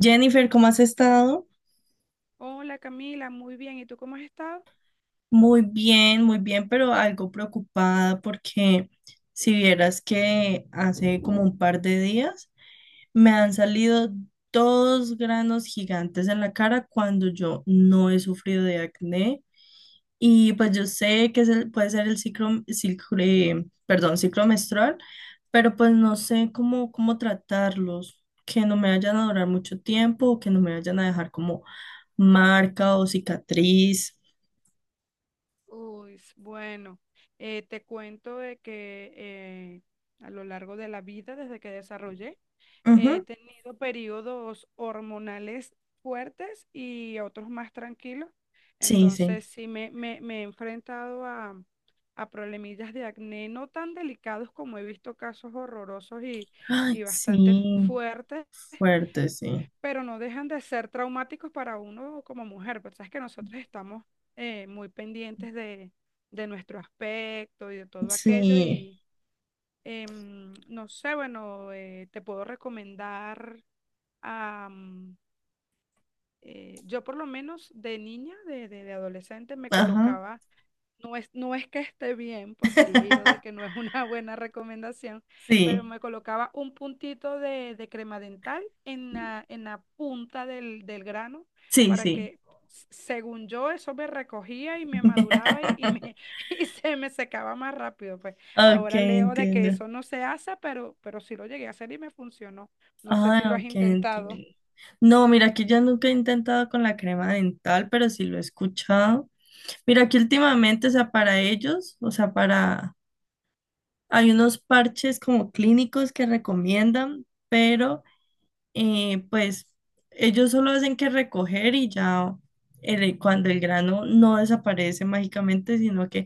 Jennifer, ¿cómo has estado? Hola Camila, muy bien. ¿Y tú cómo has estado? Muy bien, pero algo preocupada porque si vieras que hace como un par de días me han salido dos granos gigantes en la cara cuando yo no he sufrido de acné, y pues yo sé que puede ser el perdón, ciclo menstrual, pero pues no sé cómo tratarlos, que no me vayan a durar mucho tiempo o que no me vayan a dejar como marca o cicatriz. Uy, bueno, te cuento de que a lo largo de la vida, desde que desarrollé, he Ujú. tenido periodos hormonales fuertes y otros más tranquilos. Sí, sí. Entonces, sí me he enfrentado a problemillas de acné no tan delicados como he visto casos horrorosos y, Ay, y bastante sí, fuertes, fuerte, sí. pero no dejan de ser traumáticos para uno como mujer, pues sabes que nosotros estamos muy pendientes de nuestro aspecto y de todo aquello. Sí, No sé, bueno, te puedo recomendar. Am, eh, yo por lo menos de niña, de adolescente, me ajá, colocaba... No es que esté bien, porque he leído de que no es una buena recomendación, pero sí, me colocaba un puntito de crema dental en la, punta del grano sí, para sí. que, según yo, eso me recogía y me maduraba, y se me secaba más rápido. Pues Ok, ahora leo de que entiendo. eso no se hace, pero sí lo llegué a hacer y me funcionó. No sé si lo Ah, has ok, entiendo. intentado. No, mira, que yo nunca he intentado con la crema dental, pero sí lo he escuchado. Mira, que últimamente, o sea, para ellos, o sea, para... Hay unos parches como clínicos que recomiendan, pero... pues ellos solo hacen que recoger y ya cuando el grano no desaparece mágicamente, sino que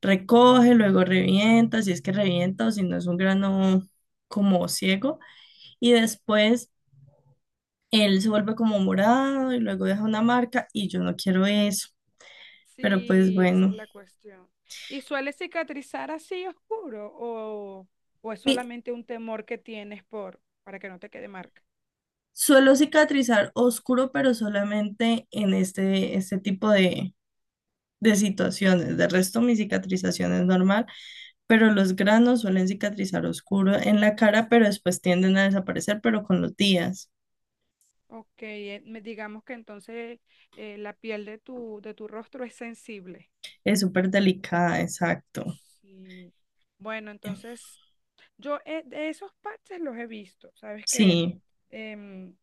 recoge, luego revienta, si es que revienta o si no es un grano como ciego, y después él se vuelve como morado y luego deja una marca y yo no quiero eso, pero pues Sí, esa es bueno. la cuestión. ¿Y suele cicatrizar así oscuro, o es Mi- solamente un temor que tienes por para que no te quede marca? Suelo cicatrizar oscuro, pero solamente en este tipo de situaciones. De resto, mi cicatrización es normal, pero los granos suelen cicatrizar oscuro en la cara, pero después tienden a desaparecer, pero con los días. Ok, digamos que entonces la piel de tu rostro es sensible. Es súper delicada, exacto. Sí. Bueno, entonces yo, de esos parches los he visto. Sabes que, Sí. em,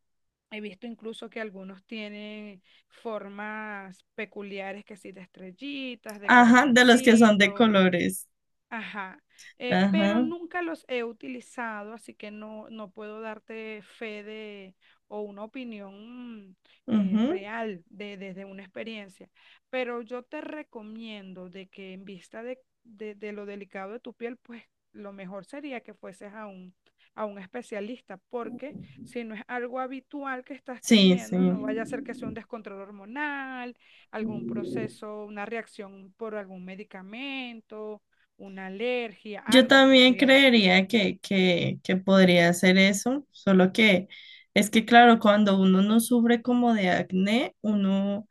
he visto incluso que algunos tienen formas peculiares que sí, de estrellitas, de Ajá, de los que son de corazoncitos. colores. Ajá, pero Ajá. nunca los he utilizado, así que no, no puedo darte fe de o una opinión Ujú. real desde una experiencia. Pero yo te recomiendo de que en vista de lo delicado de tu piel, pues lo mejor sería que fueses a un especialista, porque si no es algo habitual que estás Sí, sí. teniendo, no vaya a ser que sea un descontrol hormonal, algún proceso, una reacción por algún medicamento, una alergia, Yo algo, también porque creería que, que podría ser eso, solo que es que claro, cuando uno no sufre como de acné, uno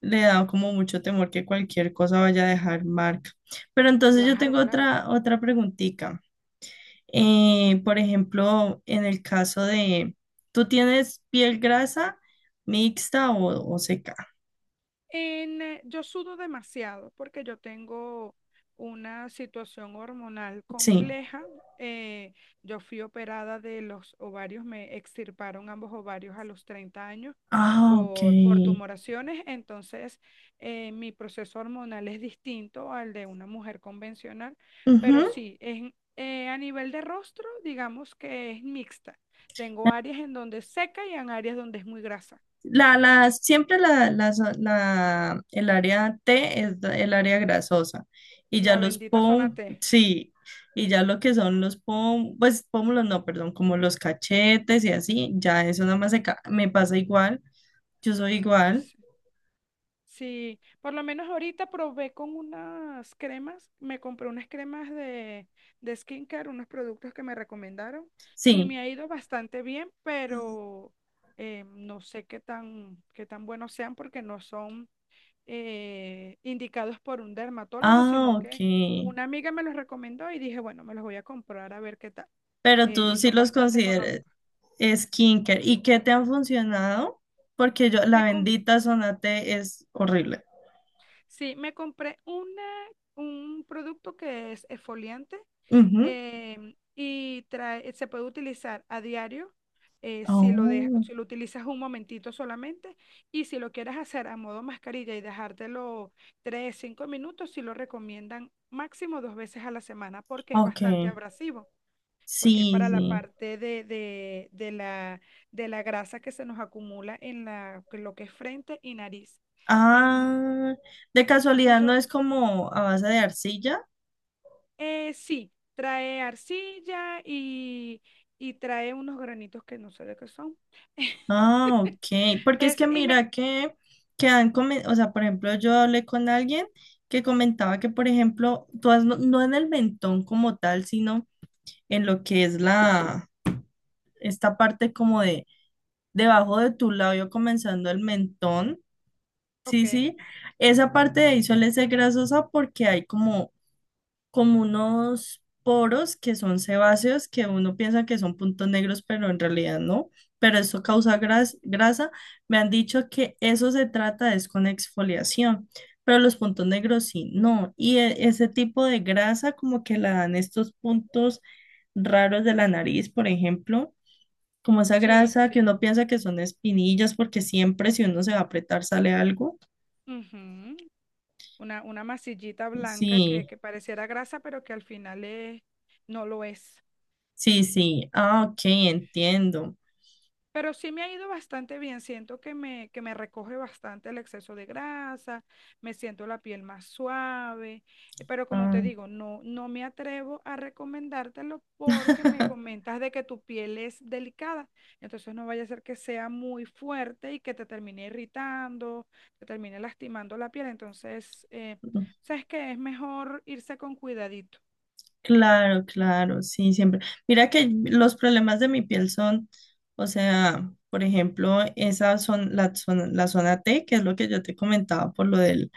le da como mucho temor que cualquier cosa vaya a dejar marca. Pero entonces yo claro, tengo claro. Otra preguntita. Por ejemplo, en el caso de, ¿tú tienes piel grasa mixta o seca? Yo sudo demasiado porque yo tengo una situación hormonal Sí. compleja. eh, yo fui operada de los ovarios, me extirparon ambos ovarios a los 30 años Ah, ok. Por tumoraciones. Entonces, mi proceso hormonal es distinto al de una mujer convencional, pero Ujú. sí, es, a nivel de rostro, digamos que es mixta. Tengo áreas en donde es seca y en áreas donde es muy grasa. Siempre el área T es el área grasosa y ya La los bendita zona pom, T. sí, y ya lo que son los pom, pues pómulos no, perdón, como los cachetes y así, ya eso nada más me pasa igual, yo soy igual, Sí. Sí, por lo menos ahorita probé con unas cremas, me compré unas cremas de skincare, unos productos que me recomendaron y sí, me ha ido bastante bien. Pero no sé qué tan buenos sean, porque no son indicados por un dermatólogo, ah, sino ok, que una amiga me los recomendó y dije, bueno, me los voy a comprar a ver qué tal. pero Y tú sí son los bastante consideras económicos. skincare, ¿y qué te han funcionado? Porque yo, la Me bendita zona T es horrible. Sí, me compré una, un producto que es exfoliante. Ujú. Se puede utilizar a diario si lo de-, Oh, si lo utilizas un momentito solamente, y si lo quieres hacer a modo mascarilla y dejártelo 3, 5 minutos, si lo recomiendan, máximo dos veces a la semana, porque es ok. bastante abrasivo, porque es Sí, para la sí. parte de, de la grasa que se nos acumula en lo que es frente y nariz. Em, Ah, de entonces casualidad no yo... es como a base de arcilla. Sí, trae arcilla y trae unos granitos que no sé de qué son. Ah, ok. Porque es que Ese, y me... mira que han comentado, o sea, por ejemplo, yo hablé con alguien que comentaba que, por ejemplo, no, no en el mentón como tal, sino en lo que es la, esta parte como de debajo de tu labio comenzando el mentón. Sí, Ok. sí. Esa parte de ahí suele ser grasosa porque hay como unos poros que son sebáceos, que uno piensa que son puntos negros, pero en realidad no. Pero eso Ujú. causa grasa. Me han dicho que eso se trata es con exfoliación, pero los puntos negros sí, no. Y ese tipo de grasa como que la dan estos puntos raros de la nariz, por ejemplo. Como esa Sí, grasa que sí. uno piensa que son espinillas, porque siempre si uno se va a apretar sale algo. Ujú. Una masillita blanca Sí, que pareciera grasa, pero que al final es, no lo es. sí, sí. Ah, ok, entiendo. Pero sí me ha ido bastante bien, siento que me recoge bastante el exceso de grasa, me siento la piel más suave. Pero como Ah. te digo, no, no me atrevo a recomendártelo porque me comentas de que tu piel es delicada, entonces no vaya a ser que sea muy fuerte y que te termine irritando, te termine lastimando la piel. Entonces, sabes que es mejor irse con cuidadito. Claro, claro, sí, siempre. Mira que los problemas de mi piel son, o sea, por ejemplo, esa son la la zona T, que es lo que yo te comentaba por lo del,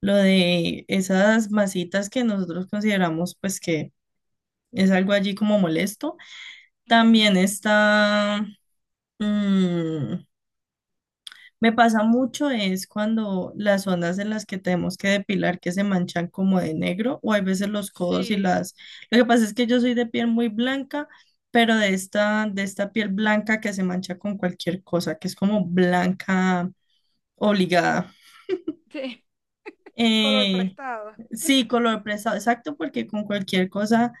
lo de esas masitas que nosotros consideramos pues que es algo allí como molesto. Ujú. También está mm, me pasa mucho es cuando las zonas en las que tenemos que depilar que se manchan como de negro o hay veces los codos y Sí, las... Lo que pasa es que yo soy de piel muy blanca, pero de de esta piel blanca que se mancha con cualquier cosa, que es como blanca obligada. sí, color Eh, prestado. sí, color prestado, exacto, porque con cualquier cosa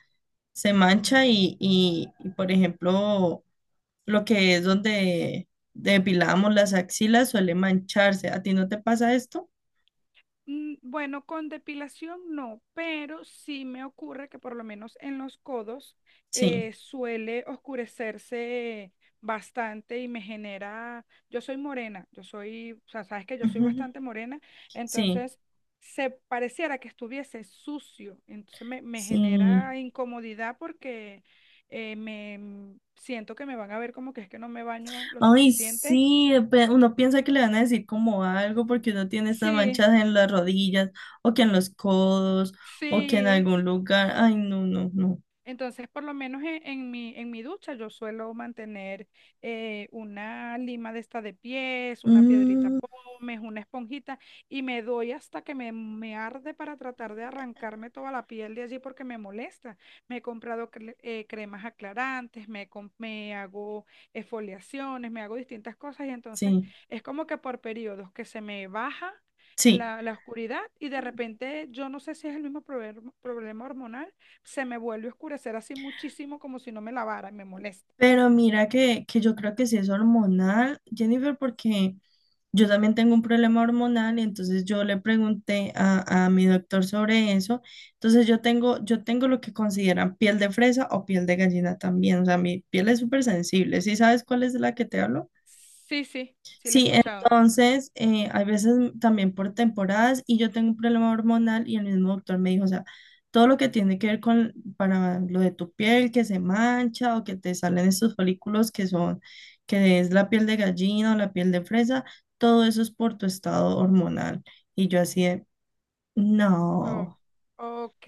se mancha y, por ejemplo, lo que es donde depilamos las axilas suele mancharse. ¿A ti no te pasa esto? Bueno, con depilación no, pero sí me ocurre que por lo menos en los codos Sí. Suele oscurecerse bastante y me genera, yo soy morena, yo soy, o sea, sabes que yo soy Ujú, bastante morena, sí, entonces se pareciera que estuviese sucio, entonces me sí. genera incomodidad porque siento que me van a ver como que es que no me baño lo Ay, suficiente. sí, uno piensa que le van a decir como algo porque uno tiene estas Sí, manchas en las rodillas o que en los codos o que en sí. algún lugar. Ay, no, no, no. Entonces, por lo menos en, en mi ducha, yo suelo mantener una lima de esta de pies, una piedrita Mm, pómez, una esponjita, y me doy hasta que me arde para tratar de arrancarme toda la piel de allí porque me molesta. Me he comprado cremas aclarantes, me hago exfoliaciones, me hago distintas cosas, y entonces sí, es como que por periodos que se me baja sí. la, la oscuridad. Y de repente yo no sé si es el mismo problema hormonal, se me vuelve a oscurecer así muchísimo como si no me lavara y me molesta. Pero mira que yo creo que sí es hormonal, Jennifer, porque yo también tengo un problema hormonal y entonces yo le pregunté a mi doctor sobre eso. Entonces yo tengo lo que consideran piel de fresa o piel de gallina también. O sea, mi piel es súper sensible. ¿Sí sabes cuál es la que te hablo? Sí, sí. Sí, la he Sí, escuchado. entonces, hay veces también por temporadas y yo tengo un problema hormonal y el mismo doctor me dijo, o sea, todo lo que tiene que ver con para lo de tu piel que se mancha o que te salen estos folículos que son, que es la piel de gallina o la piel de fresa, todo eso es por tu estado hormonal. Y yo así de, Oh, no, ok.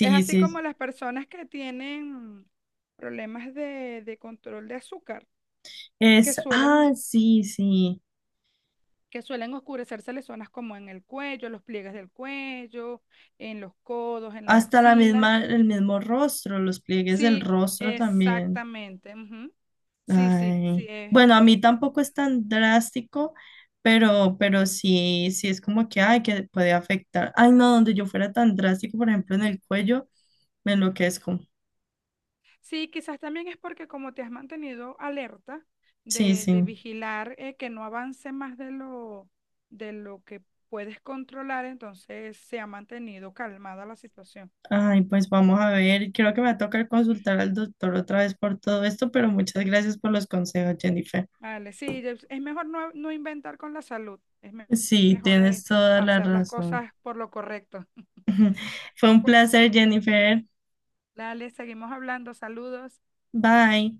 Es así sí, como sí. las personas que tienen problemas de control de azúcar, que Es, ah, suelen, sí, sí, que suelen oscurecerse las zonas como en el cuello, los pliegues del cuello, en los codos, en las hasta la axilas. misma, el mismo rostro, los pliegues del Sí, rostro también. exactamente. Ujú. Sí, sí, sí. Ay, Es bueno, a mí tampoco es tan drástico, pero sí, sí es como que, ay, que puede afectar. Ay, no, donde yo fuera tan drástico, por ejemplo, en el cuello, me enloquezco. sí, quizás también es porque como te has mantenido alerta Sí, de sí. vigilar que no avance más de lo que puedes controlar, entonces se ha mantenido calmada la situación. Ay, pues vamos a ver. Creo que me va a tocar consultar al doctor otra vez por todo esto, pero muchas gracias por los consejos, Jennifer. Vale, sí, es mejor no, no inventar con la salud, es Sí, mejor tienes toda la hacer las razón. cosas por lo correcto. Fue un Cu- placer, Jennifer. Dale, seguimos hablando, saludos. Bye.